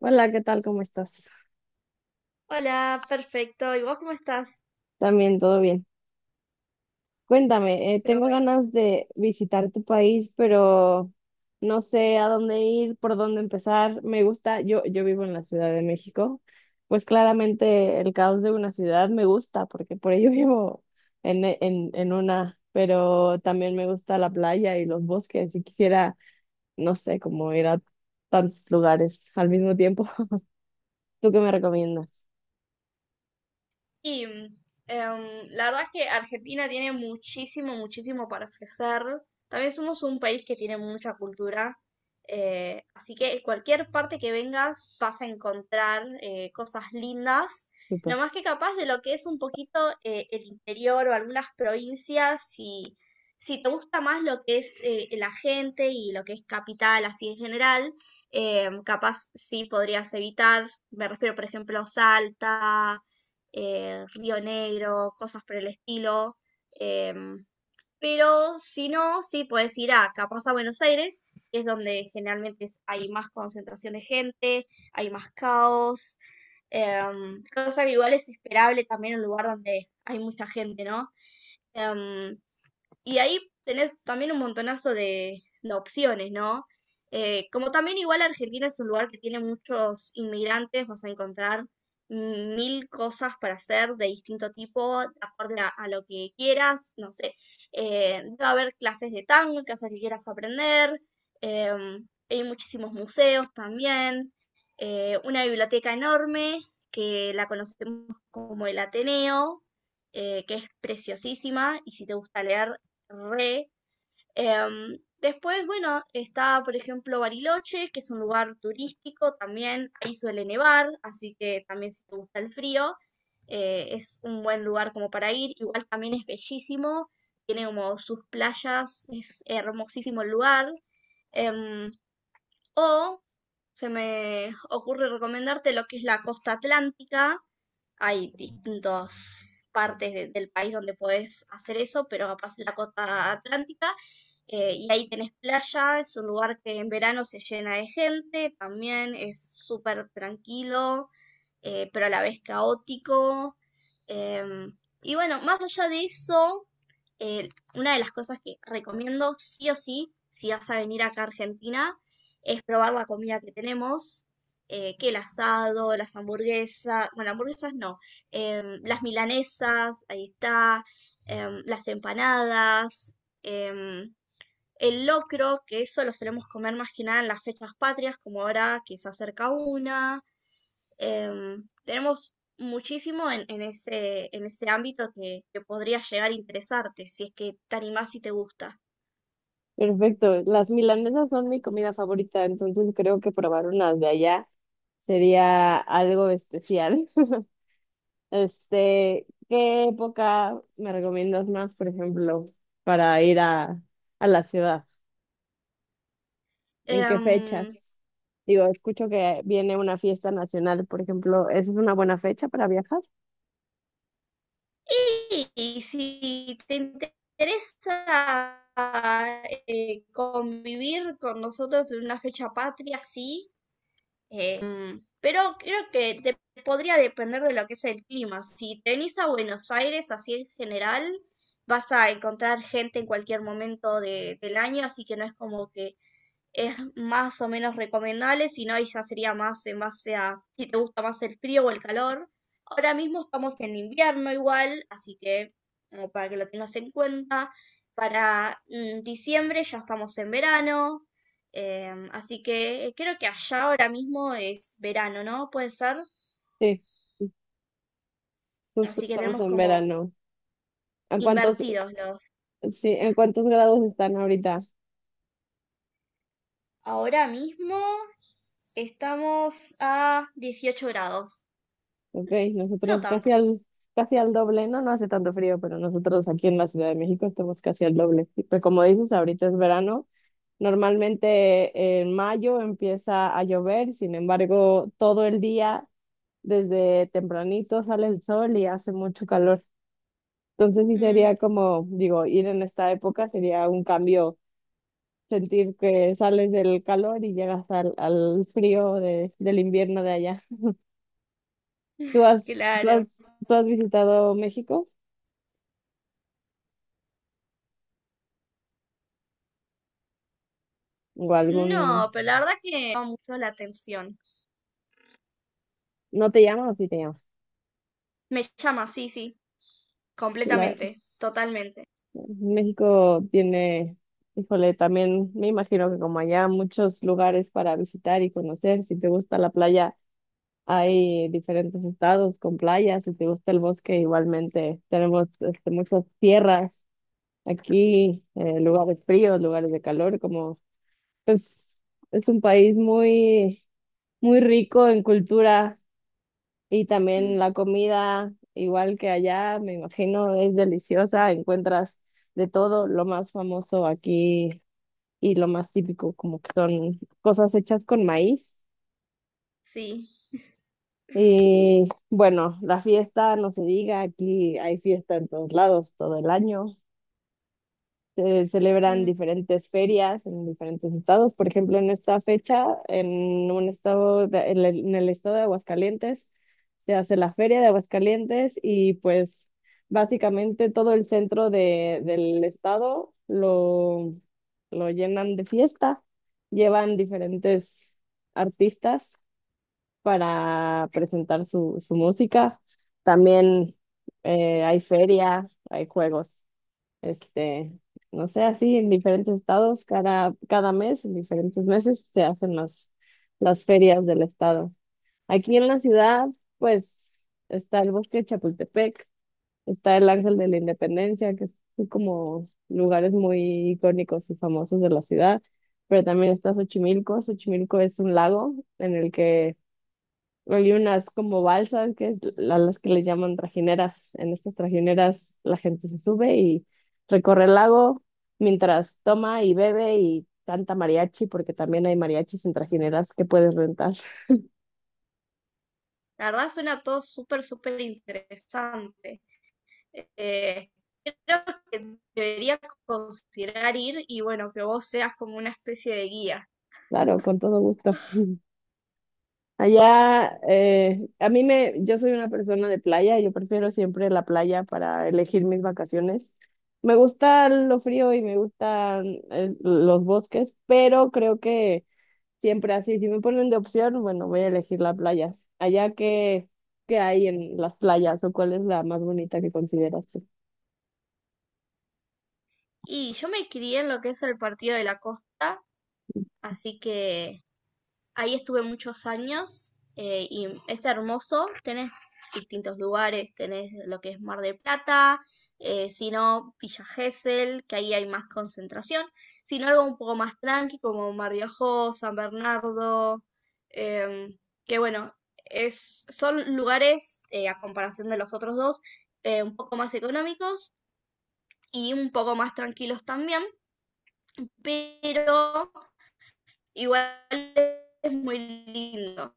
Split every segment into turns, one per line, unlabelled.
Hola, ¿qué tal? ¿Cómo estás?
Hola, perfecto. ¿Y vos cómo estás?
También, todo bien. Cuéntame,
Qué
tengo
bueno.
ganas de visitar tu país, pero no sé a dónde ir, por dónde empezar. Me gusta, yo vivo en la Ciudad de México, pues claramente el caos de una ciudad me gusta, porque por ello vivo en una, pero también me gusta la playa y los bosques y quisiera, no sé, como ir a tantos lugares al mismo tiempo. ¿Tú qué me recomiendas?
Y em, la verdad es que Argentina tiene muchísimo, muchísimo para ofrecer. También somos un país que tiene mucha cultura. Así que cualquier parte que vengas vas a encontrar cosas lindas.
Súper.
No más que capaz de lo que es un poquito el interior o algunas provincias, si te gusta más lo que es la gente y lo que es capital así en general, capaz sí podrías evitar. Me refiero, por ejemplo, a Salta, Río Negro, cosas por el estilo. em, pero si no, sí puedes ir a capaz a Buenos Aires, que es donde generalmente hay más concentración de gente, hay más caos. Cosa que igual es esperable también en un lugar donde hay mucha gente, ¿no? Em, y ahí tenés también un montonazo de opciones, ¿no? Como también igual Argentina es un lugar que tiene muchos inmigrantes, vas a encontrar mil cosas para hacer de distinto tipo, acorde a lo que quieras, no sé. Va a haber clases de tango, cosas que quieras aprender, hay muchísimos museos también, una biblioteca enorme que la conocemos como el Ateneo, que es preciosísima y si te gusta leer. Re. Después, bueno, está, por ejemplo, Bariloche, que es un lugar turístico también. Ahí suele nevar, así que también si te gusta el frío, es un buen lugar como para ir. Igual también es bellísimo, tiene como sus playas, es hermosísimo el lugar. Em, o se me ocurre recomendarte lo que es la costa atlántica, hay distintas partes del país donde podés hacer eso, pero capaz la costa atlántica, y ahí tenés playa, es un lugar que en verano se llena de gente, también es súper tranquilo, pero a la vez caótico. em, y bueno, más allá de eso, eh, una de las cosas que recomiendo sí o sí, si vas a venir acá a Argentina, es probar la comida que tenemos que el asado, las hamburguesas, bueno, hamburguesas no, las milanesas, ahí está, las empanadas, em, el locro, que eso lo solemos comer más que nada en las fechas patrias, como ahora que se acerca una. Tenemos muchísimo en ese ámbito que podría llegar a interesarte, si es que te animás y te gusta.
Perfecto. Las milanesas son mi comida favorita, entonces creo que probar unas de allá sería algo especial. Este, ¿qué época me recomiendas más, por ejemplo, para ir a la ciudad? ¿En qué
Em,
fechas? Digo, escucho que viene una fiesta nacional, por ejemplo, ¿esa es una buena fecha para viajar?
Y si te interesa convivir con nosotros en una fecha patria, sí, pero creo que podría depender de lo que es el clima. Si te venís a Buenos Aires, así en general, vas a encontrar gente en cualquier momento del año, así que no es como que es más o menos recomendable, si no, ahí ya sería más en base a si te gusta más el frío o el calor. Ahora mismo estamos en invierno igual, así que como para que lo tengas en cuenta, para diciembre ya estamos en verano. Así que creo que allá ahora mismo es verano, ¿no? Puede ser.
Sí, justo
Así que
estamos
tenemos
en
como
verano. ¿En cuántos,
invertidos los.
sí, en cuántos grados están ahorita?
Ahora mismo estamos a 18 grados.
Ok,
No
nosotros
tanto.
casi al doble, no, no hace tanto frío, pero nosotros aquí en la Ciudad de México estamos casi al doble. Sí, pero como dices, ahorita es verano. Normalmente en mayo empieza a llover, sin embargo, todo el día, desde tempranito sale el sol y hace mucho calor. Entonces sí
Mm,
sería como, digo, ir en esta época sería un cambio, sentir que sales del calor y llegas al frío del invierno de allá. ¿Tú has, tú has,
claro.
tú has visitado México? ¿O algún?
No, pero la verdad que llama mucho la atención.
¿No te llaman o sí te llaman?
Me llama, sí, sí.
La-
Completamente. Totalmente.
México tiene, híjole, también me imagino que como allá muchos lugares para visitar y conocer. Si te gusta la playa, hay diferentes estados con playas. Si te gusta el bosque, igualmente tenemos este, muchas tierras aquí, lugares fríos, lugares de calor, como pues es un país muy rico en cultura. Y también
Mm,
la comida, igual que allá, me imagino, es deliciosa. Encuentras de todo, lo más famoso aquí y lo más típico, como que son cosas hechas con maíz.
sí.
Y bueno, la fiesta, no se diga, aquí hay fiesta en todos lados todo el año. Se celebran
Mm,
diferentes ferias en diferentes estados. Por ejemplo, en esta fecha, en un en el estado de Aguascalientes, se hace la Feria de Aguascalientes y pues básicamente todo el centro del lo llenan de fiesta. Llevan diferentes artistas para presentar su música. También hay feria, hay juegos este, no sé, así en diferentes estados, cada mes, en diferentes meses, se hacen las ferias del estado. Aquí en la ciudad, pues, está el Bosque de Chapultepec, está el Ángel de la Independencia, que son como lugares muy icónicos y famosos de la ciudad, pero también está Xochimilco. Xochimilco es un lago en el que hay unas como balsas, las que le llaman trajineras. En estas trajineras la gente se sube y recorre el lago mientras toma y bebe y canta mariachi, porque también hay mariachis en trajineras que puedes rentar.
La verdad suena todo súper, súper interesante. Eh, Creo que debería considerar ir y bueno, que vos seas como una especie de guía.
Claro, con todo gusto. Allá, yo soy una persona de playa, yo prefiero siempre la playa para elegir mis vacaciones. Me gusta lo frío y me gustan los bosques, pero creo que siempre así, si me ponen de opción, bueno, voy a elegir la playa. Allá qué hay en las playas, ¿o cuál es la más bonita que consideras tú?
Y yo me crié en lo que es el Partido de la Costa, así que ahí estuve muchos años y es hermoso. Tenés distintos lugares, tenés lo que es Mar del Plata, si no, Villa Gesell, que ahí hay más concentración, si no, algo un poco más tranqui como Mar de Ajó, San Bernardo, em, que bueno, es, son lugares a comparación de los otros dos un poco más económicos y un poco más tranquilos también, pero igual es muy lindo.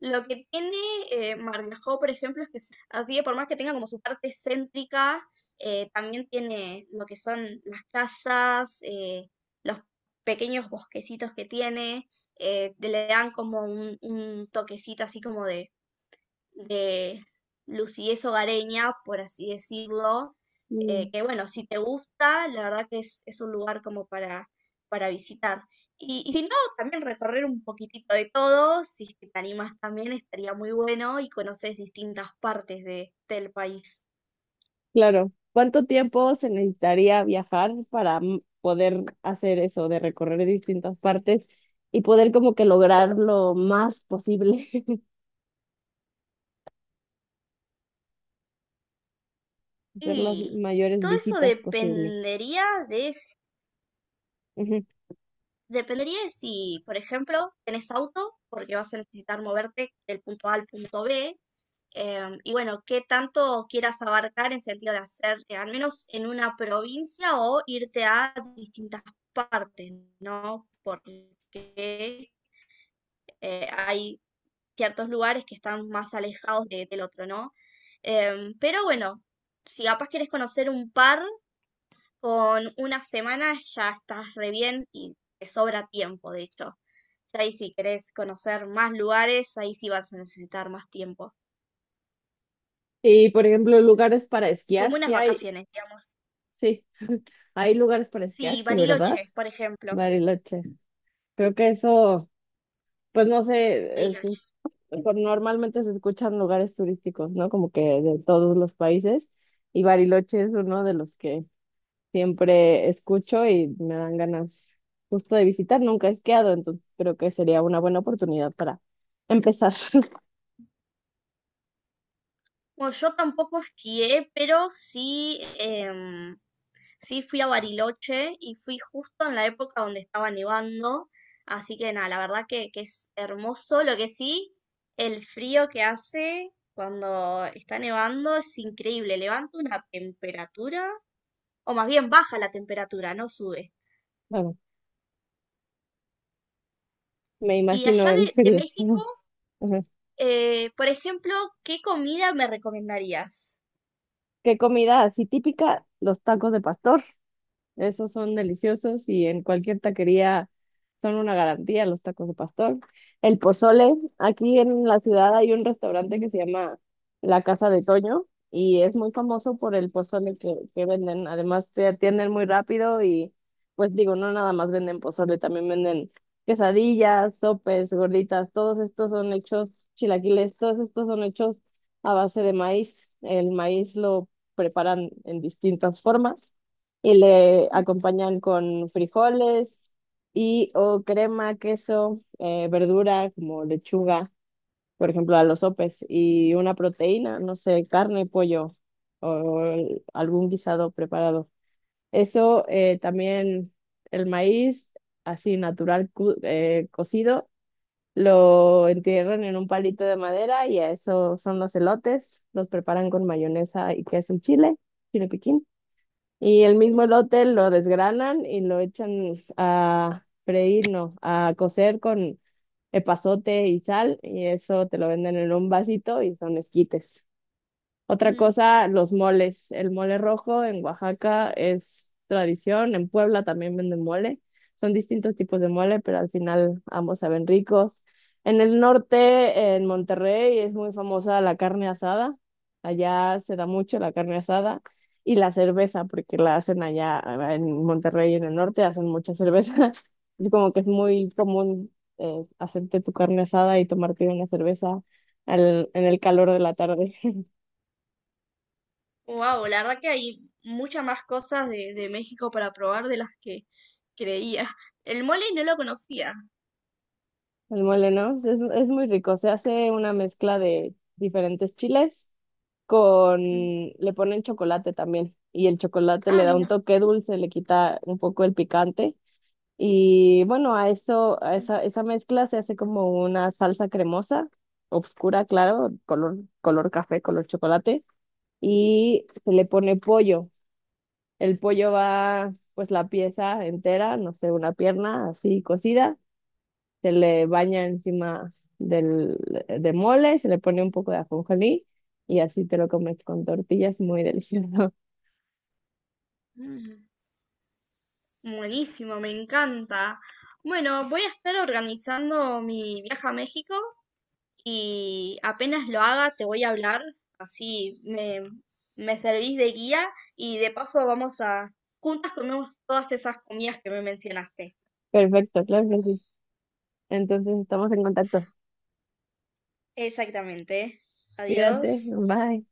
Lo que tiene Margajó, por ejemplo, es que así que por más que tenga como su parte céntrica, también tiene lo que son las casas, los pequeños bosquecitos que tiene, te le dan como un toquecito así como de lucidez hogareña, por así decirlo,
Mm,
que bueno, si te gusta, la verdad que es un lugar como para visitar. Y si no, también recorrer un poquitito de todo, si es que te animas también, estaría muy bueno y conoces distintas partes de, del país.
claro. ¿Cuánto tiempo se necesitaría viajar para poder hacer eso, de recorrer distintas partes y poder como que lograr lo más posible, hacer las
Y
mayores
todo eso
visitas posibles?
dependería
Ujú.
dependería de si, por ejemplo, tenés auto, porque vas a necesitar moverte del punto A al punto B. Y bueno, qué tanto quieras abarcar en sentido de hacer, al menos en una provincia o irte a distintas partes, ¿no? Porque hay ciertos lugares que están más alejados del otro, ¿no? Pero bueno, si capaz quieres conocer un par, con una semana ya estás re bien y te sobra tiempo, de hecho. Ya ahí si querés conocer más lugares, ahí sí vas a necesitar más tiempo.
Y por ejemplo, lugares para esquiar,
Como unas vacaciones, digamos.
sí, hay lugares para esquiar,
Sí,
sí, ¿verdad?
Bariloche, por ejemplo.
Bariloche. Creo que eso. Pues no sé,
Bariloche.
normalmente se escuchan lugares turísticos, ¿no? Como que de todos los países. Y Bariloche es uno de los que siempre escucho y me dan ganas justo de visitar. Nunca he esquiado, entonces creo que sería una buena oportunidad para empezar.
Bueno, yo tampoco esquié, pero sí, sí fui a Bariloche y fui justo en la época donde estaba nevando. Así que nada, la verdad que es hermoso. Lo que sí, el frío que hace cuando está nevando es increíble. Levanta una temperatura, o más bien baja la temperatura, no sube.
Bueno, me
Y
imagino
allá
el
de
frío.
México,
Ajá.
por ejemplo, ¿qué comida me recomendarías?
¿Qué comida así típica? Los tacos de pastor. Esos son deliciosos y en cualquier taquería son una garantía los tacos de pastor. El pozole, aquí en la ciudad hay un restaurante que se llama La Casa de Toño y es muy famoso por el pozole que venden. Además te atienden muy rápido y pues digo, no nada más venden pozole, también venden quesadillas, sopes, gorditas, todos estos son hechos, chilaquiles, todos estos son hechos a base de maíz. El maíz lo preparan en distintas formas y le
Mm,
acompañan con frijoles y o crema, queso, verdura como lechuga, por ejemplo, a los sopes, y una proteína, no sé, carne, pollo algún guisado preparado. Eso también el maíz así cocido. Lo entierran en un palito de madera y a eso son los elotes. Los preparan con mayonesa y queso en chile, chile piquín, y el mismo
mm,
elote lo desgranan y lo echan a freír, no, a cocer con epazote y sal, y eso te lo venden en un vasito y son esquites. Otra
mm.
cosa, los moles. El mole rojo en Oaxaca es tradición, en Puebla también venden mole. Son distintos tipos de mole, pero al final ambos saben ricos. En el norte, en Monterrey, es muy famosa la carne asada. Allá se da mucho la carne asada y la cerveza, porque la hacen allá en Monterrey, en el norte, hacen mucha cerveza. Y como que es muy común hacerte tu carne asada y tomarte una cerveza en el calor de la tarde.
Wow, la verdad que hay muchas más cosas de México para probar de las que creía. El mole no lo conocía.
El mole, ¿no? Es muy rico. Se hace una mezcla de diferentes chiles con,
Mm,
le ponen chocolate también. Y el chocolate
ah,
le da un
mira.
toque dulce, le quita un poco el picante. Y bueno, a eso, esa mezcla se hace como una salsa cremosa, oscura, claro, color café, color chocolate. Y se le pone pollo. El pollo va, pues la pieza entera, no sé, una pierna así cocida, se le baña encima del, de mole, se le pone un poco de ajonjolí y así te lo comes con tortillas, muy delicioso.
Mm. Buenísimo, me encanta. Bueno, voy a estar organizando mi viaje a México y apenas lo haga te voy a hablar, así me servís de guía y de paso juntas comemos todas esas comidas que me mencionaste.
Perfecto, claro que sí. Entonces estamos en contacto.
Exactamente.
Cuídate,
Adiós.
bye.